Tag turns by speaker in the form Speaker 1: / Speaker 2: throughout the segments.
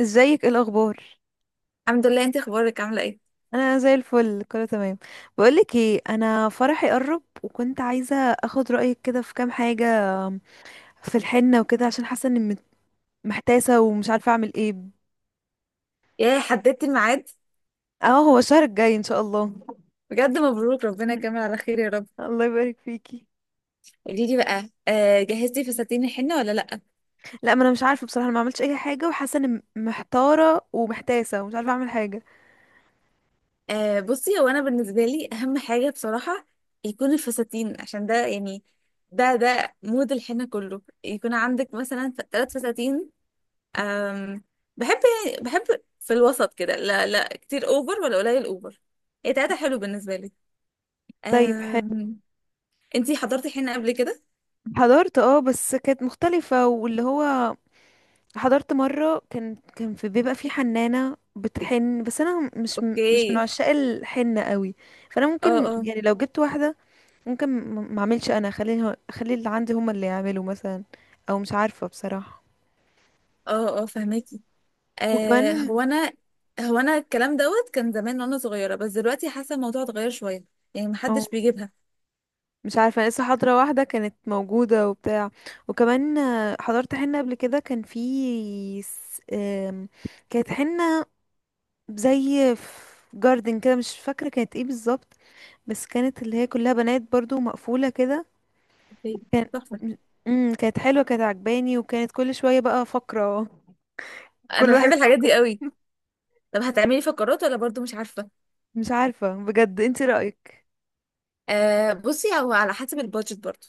Speaker 1: ازيك؟ ايه الاخبار؟
Speaker 2: الحمد لله، انت اخبارك عامله ايه؟
Speaker 1: انا زي الفل، كله تمام. بقولك ايه، انا فرحي قرب، وكنت عايزه اخد رايك كده في كام حاجه في الحنه وكده، عشان حاسه اني محتاسه ومش عارفه اعمل ايه.
Speaker 2: يا حددتي الميعاد؟
Speaker 1: اه، هو الشهر الجاي ان شاء الله.
Speaker 2: بجد مبروك، ربنا يكمل على خير يا رب.
Speaker 1: الله يبارك فيكي.
Speaker 2: قولي لي بقى، جهزتي فساتين الحنه ولا لا؟
Speaker 1: لا، ما انا مش عارفه بصراحه، انا ما عملتش اي حاجه، وحاسه اني محتاره ومحتاسه ومش عارفه اعمل حاجه.
Speaker 2: بصي، هو انا بالنسبه لي اهم حاجه بصراحه يكون الفساتين، عشان ده يعني ده مود الحنه كله، يكون عندك مثلا 3 فساتين. آم بحب بحب في الوسط كده، لا لا كتير اوفر ولا قليل اوفر. ايه، 3 حلو بالنسبه لي.
Speaker 1: طيب، حلو.
Speaker 2: آم انتي حضرتي حنه قبل كده؟
Speaker 1: حضرت اه، بس كانت مختلفه، واللي هو حضرت مرة كان في، بيبقى في حنانة بتحن، بس انا مش من
Speaker 2: اوكي.
Speaker 1: عشاق الحنة قوي. فانا
Speaker 2: اه
Speaker 1: ممكن،
Speaker 2: اه.
Speaker 1: يعني لو جبت واحدة ممكن، ما اعملش انا، اخلي اللي عندي هما اللي يعملوا مثلا. او مش عارفة بصراحة.
Speaker 2: اه اه، فهماكي. آه
Speaker 1: وكمان.
Speaker 2: هو انا هو انا الكلام دوت كان زمان وانا صغيره، بس دلوقتي حاسه الموضوع اتغير شويه. يعني
Speaker 1: او
Speaker 2: محدش بيجيبها.
Speaker 1: مش عارفة، أنا لسه حاضرة واحدة كانت موجودة وبتاع. وكمان حضرت حنة قبل كده، كان في كانت حنة زي في جاردن كده، مش فاكرة كانت ايه بالظبط. بس كانت اللي هي كلها بنات برضو، مقفولة كده.
Speaker 2: أوكي،
Speaker 1: كان
Speaker 2: تحفه.
Speaker 1: كانت حلوة، كانت عجباني، وكانت كل شوية بقى فقرة،
Speaker 2: انا
Speaker 1: كل
Speaker 2: بحب
Speaker 1: واحد
Speaker 2: الحاجات دي
Speaker 1: فقرة.
Speaker 2: قوي. طب هتعملي فقرات ولا برضو مش عارفه؟
Speaker 1: مش عارفة بجد، انت رأيك؟
Speaker 2: بصي، هو على حسب البادجت برضو.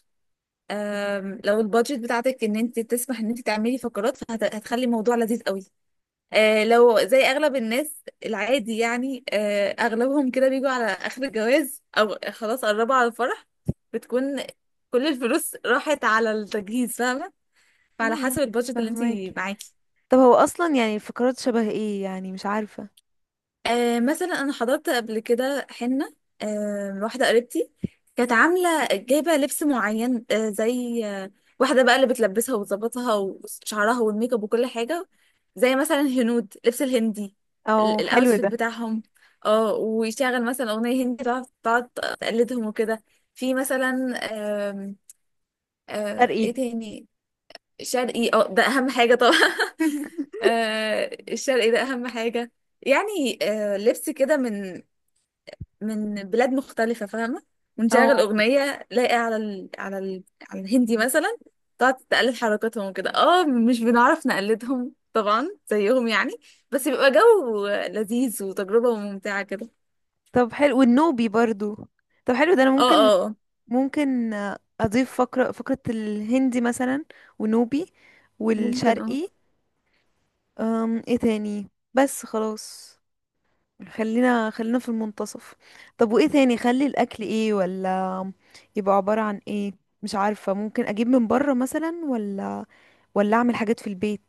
Speaker 2: آه لو البادجت بتاعتك ان انت تسمح ان انت تعملي فقرات، فهتخلي الموضوع لذيذ قوي. لو زي اغلب الناس العادي، يعني اغلبهم كده بيجوا على اخر الجواز او خلاص قربوا على الفرح، بتكون كل الفلوس راحت على التجهيز، فاهمه؟ فعلى
Speaker 1: امم
Speaker 2: حسب البادجت اللي
Speaker 1: فهماكي.
Speaker 2: انت معاكي.
Speaker 1: طب هو اصلا يعني الفقرات شبه ايه؟ يعني مش عارفة.
Speaker 2: مثلا انا حضرت قبل كده حنه، واحده قريبتي كانت عامله جايبه لبس معين، زي واحده بقى اللي بتلبسها وتظبطها وشعرها والميك اب وكل حاجه، زي مثلا هنود لبس الهندي،
Speaker 1: او حلو
Speaker 2: الاوتفيت
Speaker 1: ده.
Speaker 2: بتاعهم. اه، ويشغل مثلا اغنيه هندي، تقعد تقلدهم وكده. في مثلا، آم، ايه
Speaker 1: شرقي.
Speaker 2: تاني؟ شرقي، اه ده اهم حاجه طبعا. الشرقي ده اهم حاجه. يعني لبس كده من بلاد مختلفة، فاهمة؟ ونشغل
Speaker 1: او
Speaker 2: أغنية لاقي على الهندي مثلا، تقعد تقلد حركاتهم وكده. اه مش بنعرف نقلدهم طبعا زيهم، يعني بس بيبقى جو لذيذ وتجربة ممتعة كده.
Speaker 1: طب حلو، والنوبي برضو. طب حلو ده، انا
Speaker 2: اه
Speaker 1: ممكن،
Speaker 2: اه.
Speaker 1: ممكن اضيف فقرة، الهندي مثلا، ونوبي،
Speaker 2: ممكن،
Speaker 1: والشرقي. ايه تاني؟ بس خلاص، خلينا في المنتصف. طب وايه تاني؟ خلي الاكل ايه؟ ولا يبقى عبارة عن ايه؟ مش عارفة. ممكن اجيب من بره مثلا، ولا اعمل حاجات في البيت.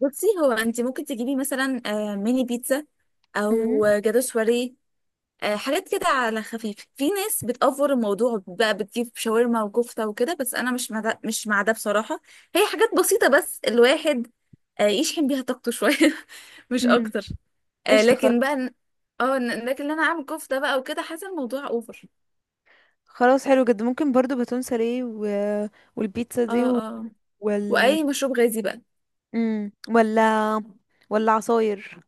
Speaker 2: بصي، هو انت ممكن تجيبي مثلا ميني بيتزا او
Speaker 1: امم.
Speaker 2: جاتو سواريه. حاجات كده على خفيف. في ناس بتأفور الموضوع بقى، بتجيب شاورما وكفتة وكده، بس أنا مش مع ده مش مع ده بصراحة. هي حاجات بسيطة، بس الواحد يشحن بيها طاقته شوية، مش
Speaker 1: امم،
Speaker 2: أكتر. آه،
Speaker 1: قشطة،
Speaker 2: لكن بقى إن- اه إن- لكن إن أنا أعمل كفتة بقى وكده، حاسة الموضوع أوفر.
Speaker 1: خلاص، حلو جدا. ممكن برضو باتون ساليه، و... والبيتزا
Speaker 2: اه
Speaker 1: دي،
Speaker 2: اه.
Speaker 1: وال
Speaker 2: وأي مشروب غازي بقى.
Speaker 1: ولا عصاير.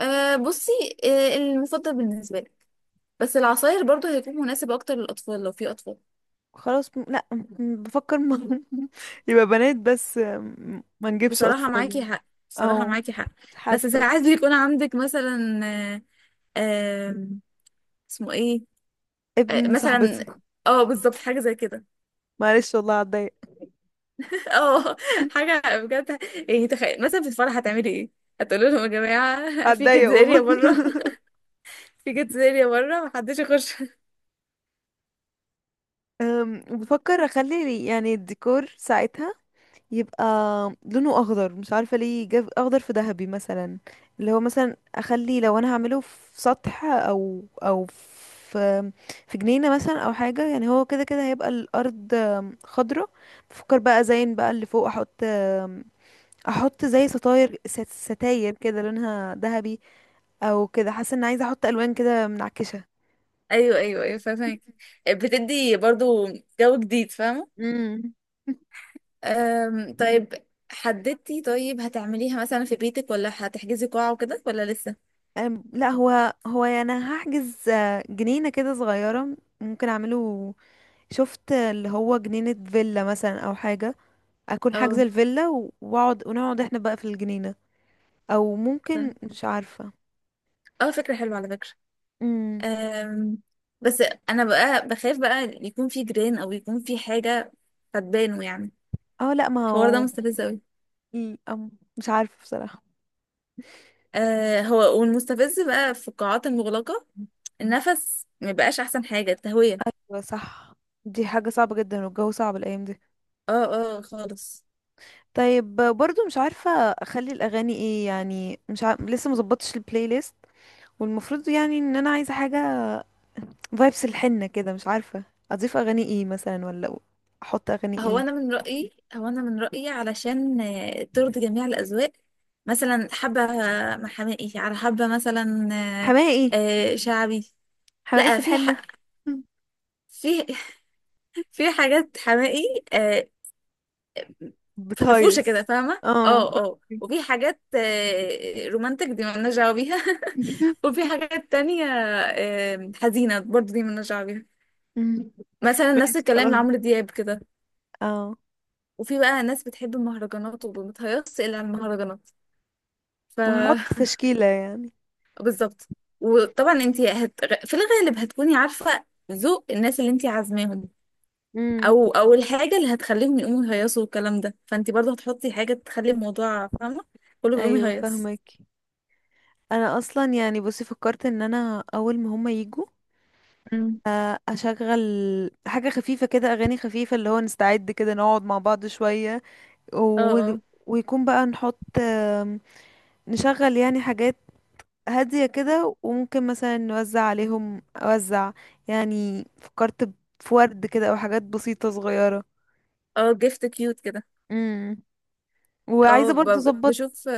Speaker 2: بصي، المفضل بالنسبة لك. بس العصاير برضو هيكون مناسب أكتر للأطفال لو في أطفال.
Speaker 1: خلاص، لا، بفكر، م... يبقى بنات بس، ما نجيبش
Speaker 2: بصراحة
Speaker 1: اطفال
Speaker 2: معاكي
Speaker 1: يعني.
Speaker 2: حق، بصراحة
Speaker 1: او
Speaker 2: معاكي حق. بس
Speaker 1: حاسة
Speaker 2: ساعات بيكون عندك مثلا آم، اسمه ايه؟
Speaker 1: ابن صاحبتي،
Speaker 2: مثلا، اه بالظبط حاجه زي كده.
Speaker 1: معلش والله هتضايق،
Speaker 2: اه حاجه بجد، يعني تخيل مثلا في الفرح هتعملي ايه؟ هتقولوا لهم يا جماعه، في
Speaker 1: هتضايق
Speaker 2: كيدز اريا
Speaker 1: والله.
Speaker 2: بره. في كيدز اريا بره، محدش يخش.
Speaker 1: بفكر اخلي يعني الديكور ساعتها يبقى لونه اخضر، مش عارفه ليه جاب اخضر في ذهبي مثلا، اللي هو مثلا اخلي، لو انا هعمله في سطح، او في جنينه مثلا او حاجه، يعني هو كده كده هيبقى الارض خضره. بفكر بقى ازين بقى اللي فوق احط احط زي ستاير، ستاير كده لونها ذهبي، او كده، حاسه ان عايزه احط الوان كده منعكشه.
Speaker 2: ايوه ايوه ايوه، فاهمك. بتدي برضو جو جديد، فاهمه؟
Speaker 1: امم.
Speaker 2: طيب، حددتي؟ طيب، هتعمليها مثلا في بيتك ولا هتحجزي قاعه وكده، ولا لسه؟
Speaker 1: لا، هو هو يعني أنا هحجز جنينة كده صغيرة ممكن اعمله. شفت اللي هو جنينة فيلا مثلا او حاجة، اكون حاجزة
Speaker 2: اه،
Speaker 1: الفيلا واقعد، ونقعد احنا بقى في الجنينة. او ممكن،
Speaker 2: فاهم.
Speaker 1: مش عارفة.
Speaker 2: اه فكره حلوه على فكره.
Speaker 1: امم.
Speaker 2: أم، بس انا بقى بخاف بقى يكون في جيران او يكون في حاجه فتبانه يعني.
Speaker 1: اه، لا ما
Speaker 2: الحوار ده
Speaker 1: هو
Speaker 2: مستفز قوي.
Speaker 1: ال- أم، مش عارفة بصراحة.
Speaker 2: أه، هو والمستفز بقى في القاعات المغلقه، النفس ما بقاش احسن حاجه التهويه.
Speaker 1: هو صح، دي حاجة صعبة جدا، والجو صعب الأيام دي.
Speaker 2: اه اه خالص.
Speaker 1: طيب برضو مش عارفة أخلي الأغاني ايه، يعني مش ع... لسه مظبطش البلاي ليست، والمفروض يعني ان انا عايزة حاجة فايبس الحنة كده، مش عارفة اضيف اغاني ايه مثلا، ولا احط اغاني ايه.
Speaker 2: هو انا من رايي، علشان ترضي جميع الاذواق، مثلا حبه محامي، على حبه مثلا
Speaker 1: حماقي ايه؟
Speaker 2: شعبي.
Speaker 1: حماقي في
Speaker 2: لا،
Speaker 1: الحنة؟
Speaker 2: في في حاجات حماقي. أه، فرفوشه كده،
Speaker 1: بتهيص.
Speaker 2: فاهمه؟
Speaker 1: اه،
Speaker 2: اه اه.
Speaker 1: فاهمك.
Speaker 2: وفي حاجات رومانتك، دي مالناش دعوه بيها. وفي حاجات تانية حزينه برضو، دي مالناش دعوه بيها.
Speaker 1: مم.
Speaker 2: مثلا نفس
Speaker 1: ماشي،
Speaker 2: الكلام
Speaker 1: خلاص.
Speaker 2: لعمرو دياب كده.
Speaker 1: اه،
Speaker 2: وفي بقى ناس بتحب المهرجانات، ومتهيص الا على المهرجانات. ف
Speaker 1: ما هحط تشكيلة يعني.
Speaker 2: بالظبط. وطبعا انت في الغالب هتكوني عارفه ذوق الناس اللي انت عازماهم،
Speaker 1: امم،
Speaker 2: او الحاجه اللي هتخليهم يقوموا يهيصوا والكلام ده، فانت برضو هتحطي حاجه تخلي الموضوع، فاهمه؟ كله بيقوم
Speaker 1: ايوه،
Speaker 2: يهيص.
Speaker 1: فاهمك. انا اصلا يعني بصي فكرت ان انا اول ما هما يجوا اشغل حاجة خفيفة كده، اغاني خفيفة، اللي هو نستعد كده، نقعد مع بعض شوية،
Speaker 2: اه
Speaker 1: و...
Speaker 2: اه،
Speaker 1: ويكون بقى نحط، نشغل يعني حاجات هادية كده، وممكن مثلا نوزع عليهم، أوزع يعني، فكرت في ورد كده، أو حاجات بسيطة صغيرة.
Speaker 2: اه جيفت كيوت كده.
Speaker 1: امم. وعايزة
Speaker 2: اه،
Speaker 1: برضو أظبط.
Speaker 2: بشوف،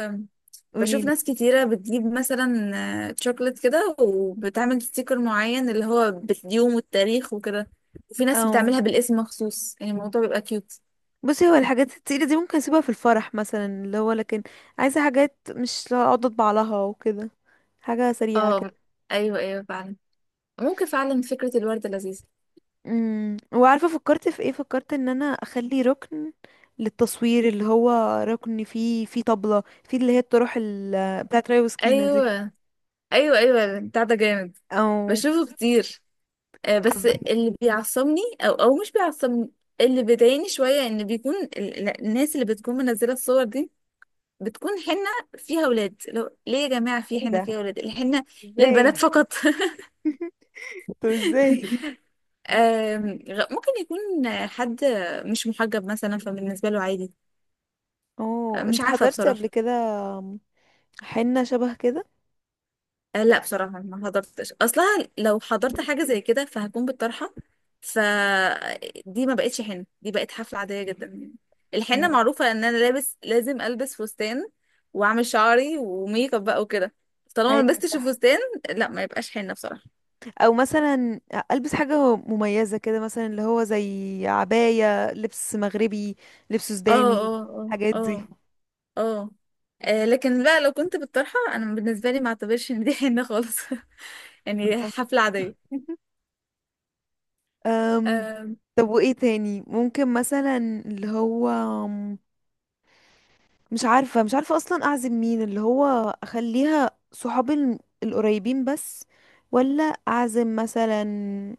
Speaker 2: بشوف
Speaker 1: قوليلي.
Speaker 2: ناس كتيرة بتجيب مثلا شوكولات كده وبتعمل ستيكر معين، اللي هو باليوم والتاريخ وكده. وفي ناس
Speaker 1: اه،
Speaker 2: بتعملها بالاسم مخصوص، يعني الموضوع بيبقى كيوت.
Speaker 1: بصي، هو الحاجات التقيلة دي ممكن أسيبها في الفرح مثلا، اللي هو، لكن عايزة حاجات مش أقعد أطبع لها وكده، حاجة سريعة
Speaker 2: اه
Speaker 1: كده.
Speaker 2: ايوه ايوه فعلا، ممكن فعلا فكرة الوردة لذيذة.
Speaker 1: امم. وعارفة فكرت في ايه؟ فكرت ان انا اخلي ركن للتصوير، اللي هو ركن فيه طبلة، فيه اللي هي الطرح بتاعت ريا وسكينة دي.
Speaker 2: ايوه ايوه ايوه، بتاع ده جامد،
Speaker 1: او،
Speaker 2: بشوفه كتير. بس
Speaker 1: حبيت.
Speaker 2: اللي بيعصبني، او او مش بيعصبني، اللي بيضايقني شوية، ان بيكون الناس اللي بتكون منزلة الصور دي، بتكون حنة فيها ولاد. لو ليه يا جماعة في
Speaker 1: ايه
Speaker 2: حنة
Speaker 1: ده؟
Speaker 2: فيها ولاد؟ الحنة للبنات
Speaker 1: ازاي؟
Speaker 2: فقط.
Speaker 1: طب ازاي؟
Speaker 2: ممكن يكون حد مش محجب مثلا، فبالنسبة له عادي.
Speaker 1: اوه،
Speaker 2: مش
Speaker 1: انت
Speaker 2: عارفة
Speaker 1: حضرتي
Speaker 2: بصراحة.
Speaker 1: قبل كده حنة شبه كده؟
Speaker 2: لا بصراحة، ما حضرتش أصلها. لو حضرت حاجة زي كده فهكون بالطرحة، فدي ما بقتش حنة، دي بقت حفلة عادية جدا. الحنة
Speaker 1: اه،
Speaker 2: معروفة إن أنا لابس، لازم ألبس فستان وأعمل شعري وميك اب بقى وكده. طالما ما
Speaker 1: ايوه،
Speaker 2: لبستش
Speaker 1: صح.
Speaker 2: الفستان، لا ما يبقاش حنة بصراحة.
Speaker 1: او مثلا البس حاجة مميزة كده مثلا، اللي هو زي عباية، لبس مغربي، لبس
Speaker 2: اه
Speaker 1: سوداني،
Speaker 2: اه.
Speaker 1: الحاجات
Speaker 2: اه
Speaker 1: دي.
Speaker 2: اه اه. لكن بقى، لو كنت بالطرحة انا بالنسبة لي ما اعتبرش ان دي حنة خالص، يعني
Speaker 1: اه.
Speaker 2: حفلة عادية.
Speaker 1: أم،
Speaker 2: آم،
Speaker 1: طب وايه تاني ممكن مثلا، اللي هو، مش عارفة، مش عارفة أصلا أعزم مين، اللي هو أخليها صحابي القريبين بس، ولا أعزم مثلا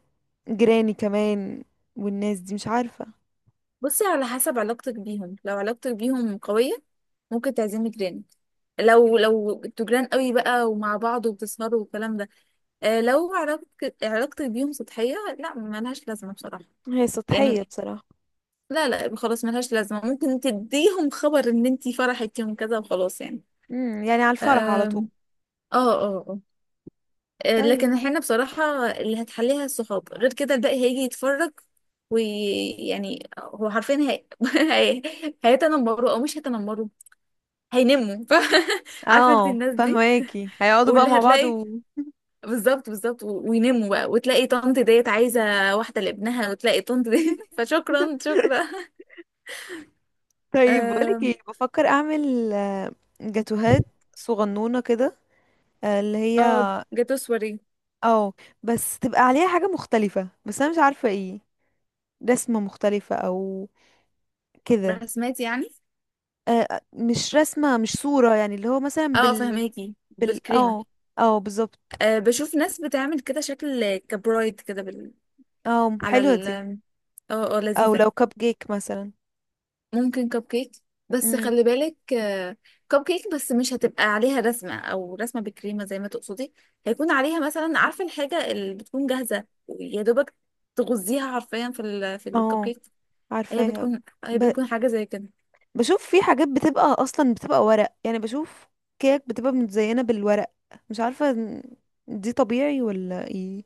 Speaker 1: جيراني كمان، والناس دي، مش عارفة.
Speaker 2: بصي، على حسب علاقتك بيهم. لو علاقتك بيهم قوية ممكن تعزمي جيران، لو انتوا جيران قوي بقى ومع بعض وبتسهروا والكلام ده. لو علاقتك بيهم سطحية، لا، ملهاش لازمة بصراحة.
Speaker 1: هي
Speaker 2: يعني
Speaker 1: سطحية بصراحة.
Speaker 2: لا لا، خلاص ملهاش لازمة. ممكن تديهم خبر ان انتي فرحت يوم كذا وخلاص يعني.
Speaker 1: امم، يعني على الفرح على طول.
Speaker 2: آم، اه اه، آه.
Speaker 1: طيب.
Speaker 2: لكن احنا بصراحة اللي هتحليها الصحاب، غير كده الباقي هيجي يتفرج، ويعني هو حرفيا، هي... هيتنمروا او مش هيتنمروا، هينموا عارفة انت
Speaker 1: اه،
Speaker 2: الناس دي،
Speaker 1: فهماكي، هيقعدوا بقى
Speaker 2: واللي
Speaker 1: مع بعض.
Speaker 2: هتلاقي،
Speaker 1: و...
Speaker 2: بالظبط بالظبط، وينموا بقى، وتلاقي طنط ديت عايزة واحدة لابنها، وتلاقي طنط دي فشكرا شكرا.
Speaker 1: طيب، بقولك
Speaker 2: اه،
Speaker 1: ايه، بفكر اعمل جاتوهات صغنونة كده، اللي هي،
Speaker 2: جاتو سواري
Speaker 1: اه، بس تبقى عليها حاجة مختلفة، بس انا مش عارفة ايه، رسمة مختلفة او كده.
Speaker 2: برسمات يعني؟
Speaker 1: مش رسمة، مش صورة يعني، اللي هو مثلا
Speaker 2: اه
Speaker 1: بال،
Speaker 2: فهماكي،
Speaker 1: بال
Speaker 2: بالكريمة.
Speaker 1: اه، اه، بالظبط.
Speaker 2: بشوف ناس بتعمل كده شكل كبرايد كده،
Speaker 1: اه،
Speaker 2: على
Speaker 1: حلوة
Speaker 2: ال
Speaker 1: دي.
Speaker 2: اه اه،
Speaker 1: او
Speaker 2: لذيذة.
Speaker 1: لو كب كيك مثلا.
Speaker 2: ممكن كب كيك، بس
Speaker 1: امم.
Speaker 2: خلي بالك كب كيك بس مش هتبقى عليها رسمة أو رسمة بكريمة زي ما تقصدي، هيكون عليها مثلا، عارفة الحاجة اللي بتكون جاهزة يا دوبك تغزيها حرفيا في الكب
Speaker 1: اه،
Speaker 2: كيك. هي
Speaker 1: عارفاها.
Speaker 2: بتكون هي
Speaker 1: ب...
Speaker 2: بتكون حاجة زي كده،
Speaker 1: بشوف في حاجات بتبقى اصلا بتبقى ورق، يعني بشوف كيك بتبقى متزينة بالورق، مش عارفة دي طبيعي ولا ايه،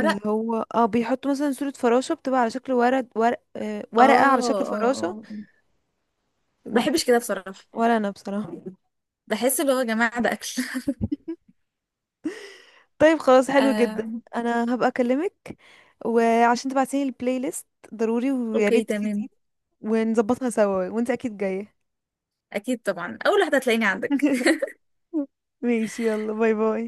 Speaker 1: اللي هو اه بيحطوا مثلا صورة فراشة بتبقى على شكل ورد، ورق، آه،
Speaker 2: اه
Speaker 1: ورقة على شكل
Speaker 2: اه،
Speaker 1: فراشة.
Speaker 2: آه.
Speaker 1: م.
Speaker 2: بحبش كده بصراحة،
Speaker 1: ولا انا بصراحة.
Speaker 2: بحس اللي هو يا جماعة ده أكل.
Speaker 1: طيب، خلاص، حلو جدا.
Speaker 2: آه.
Speaker 1: انا هبقى اكلمك، وعشان تبعتيلي البلاي ليست ضروري، ويا
Speaker 2: أوكي
Speaker 1: ريت
Speaker 2: تمام.
Speaker 1: تفيديني ونظبطها سوا، وانت اكيد جاية.
Speaker 2: أكيد طبعا، أول واحدة هتلاقيني عندك.
Speaker 1: ماشي، يلا، باي باي.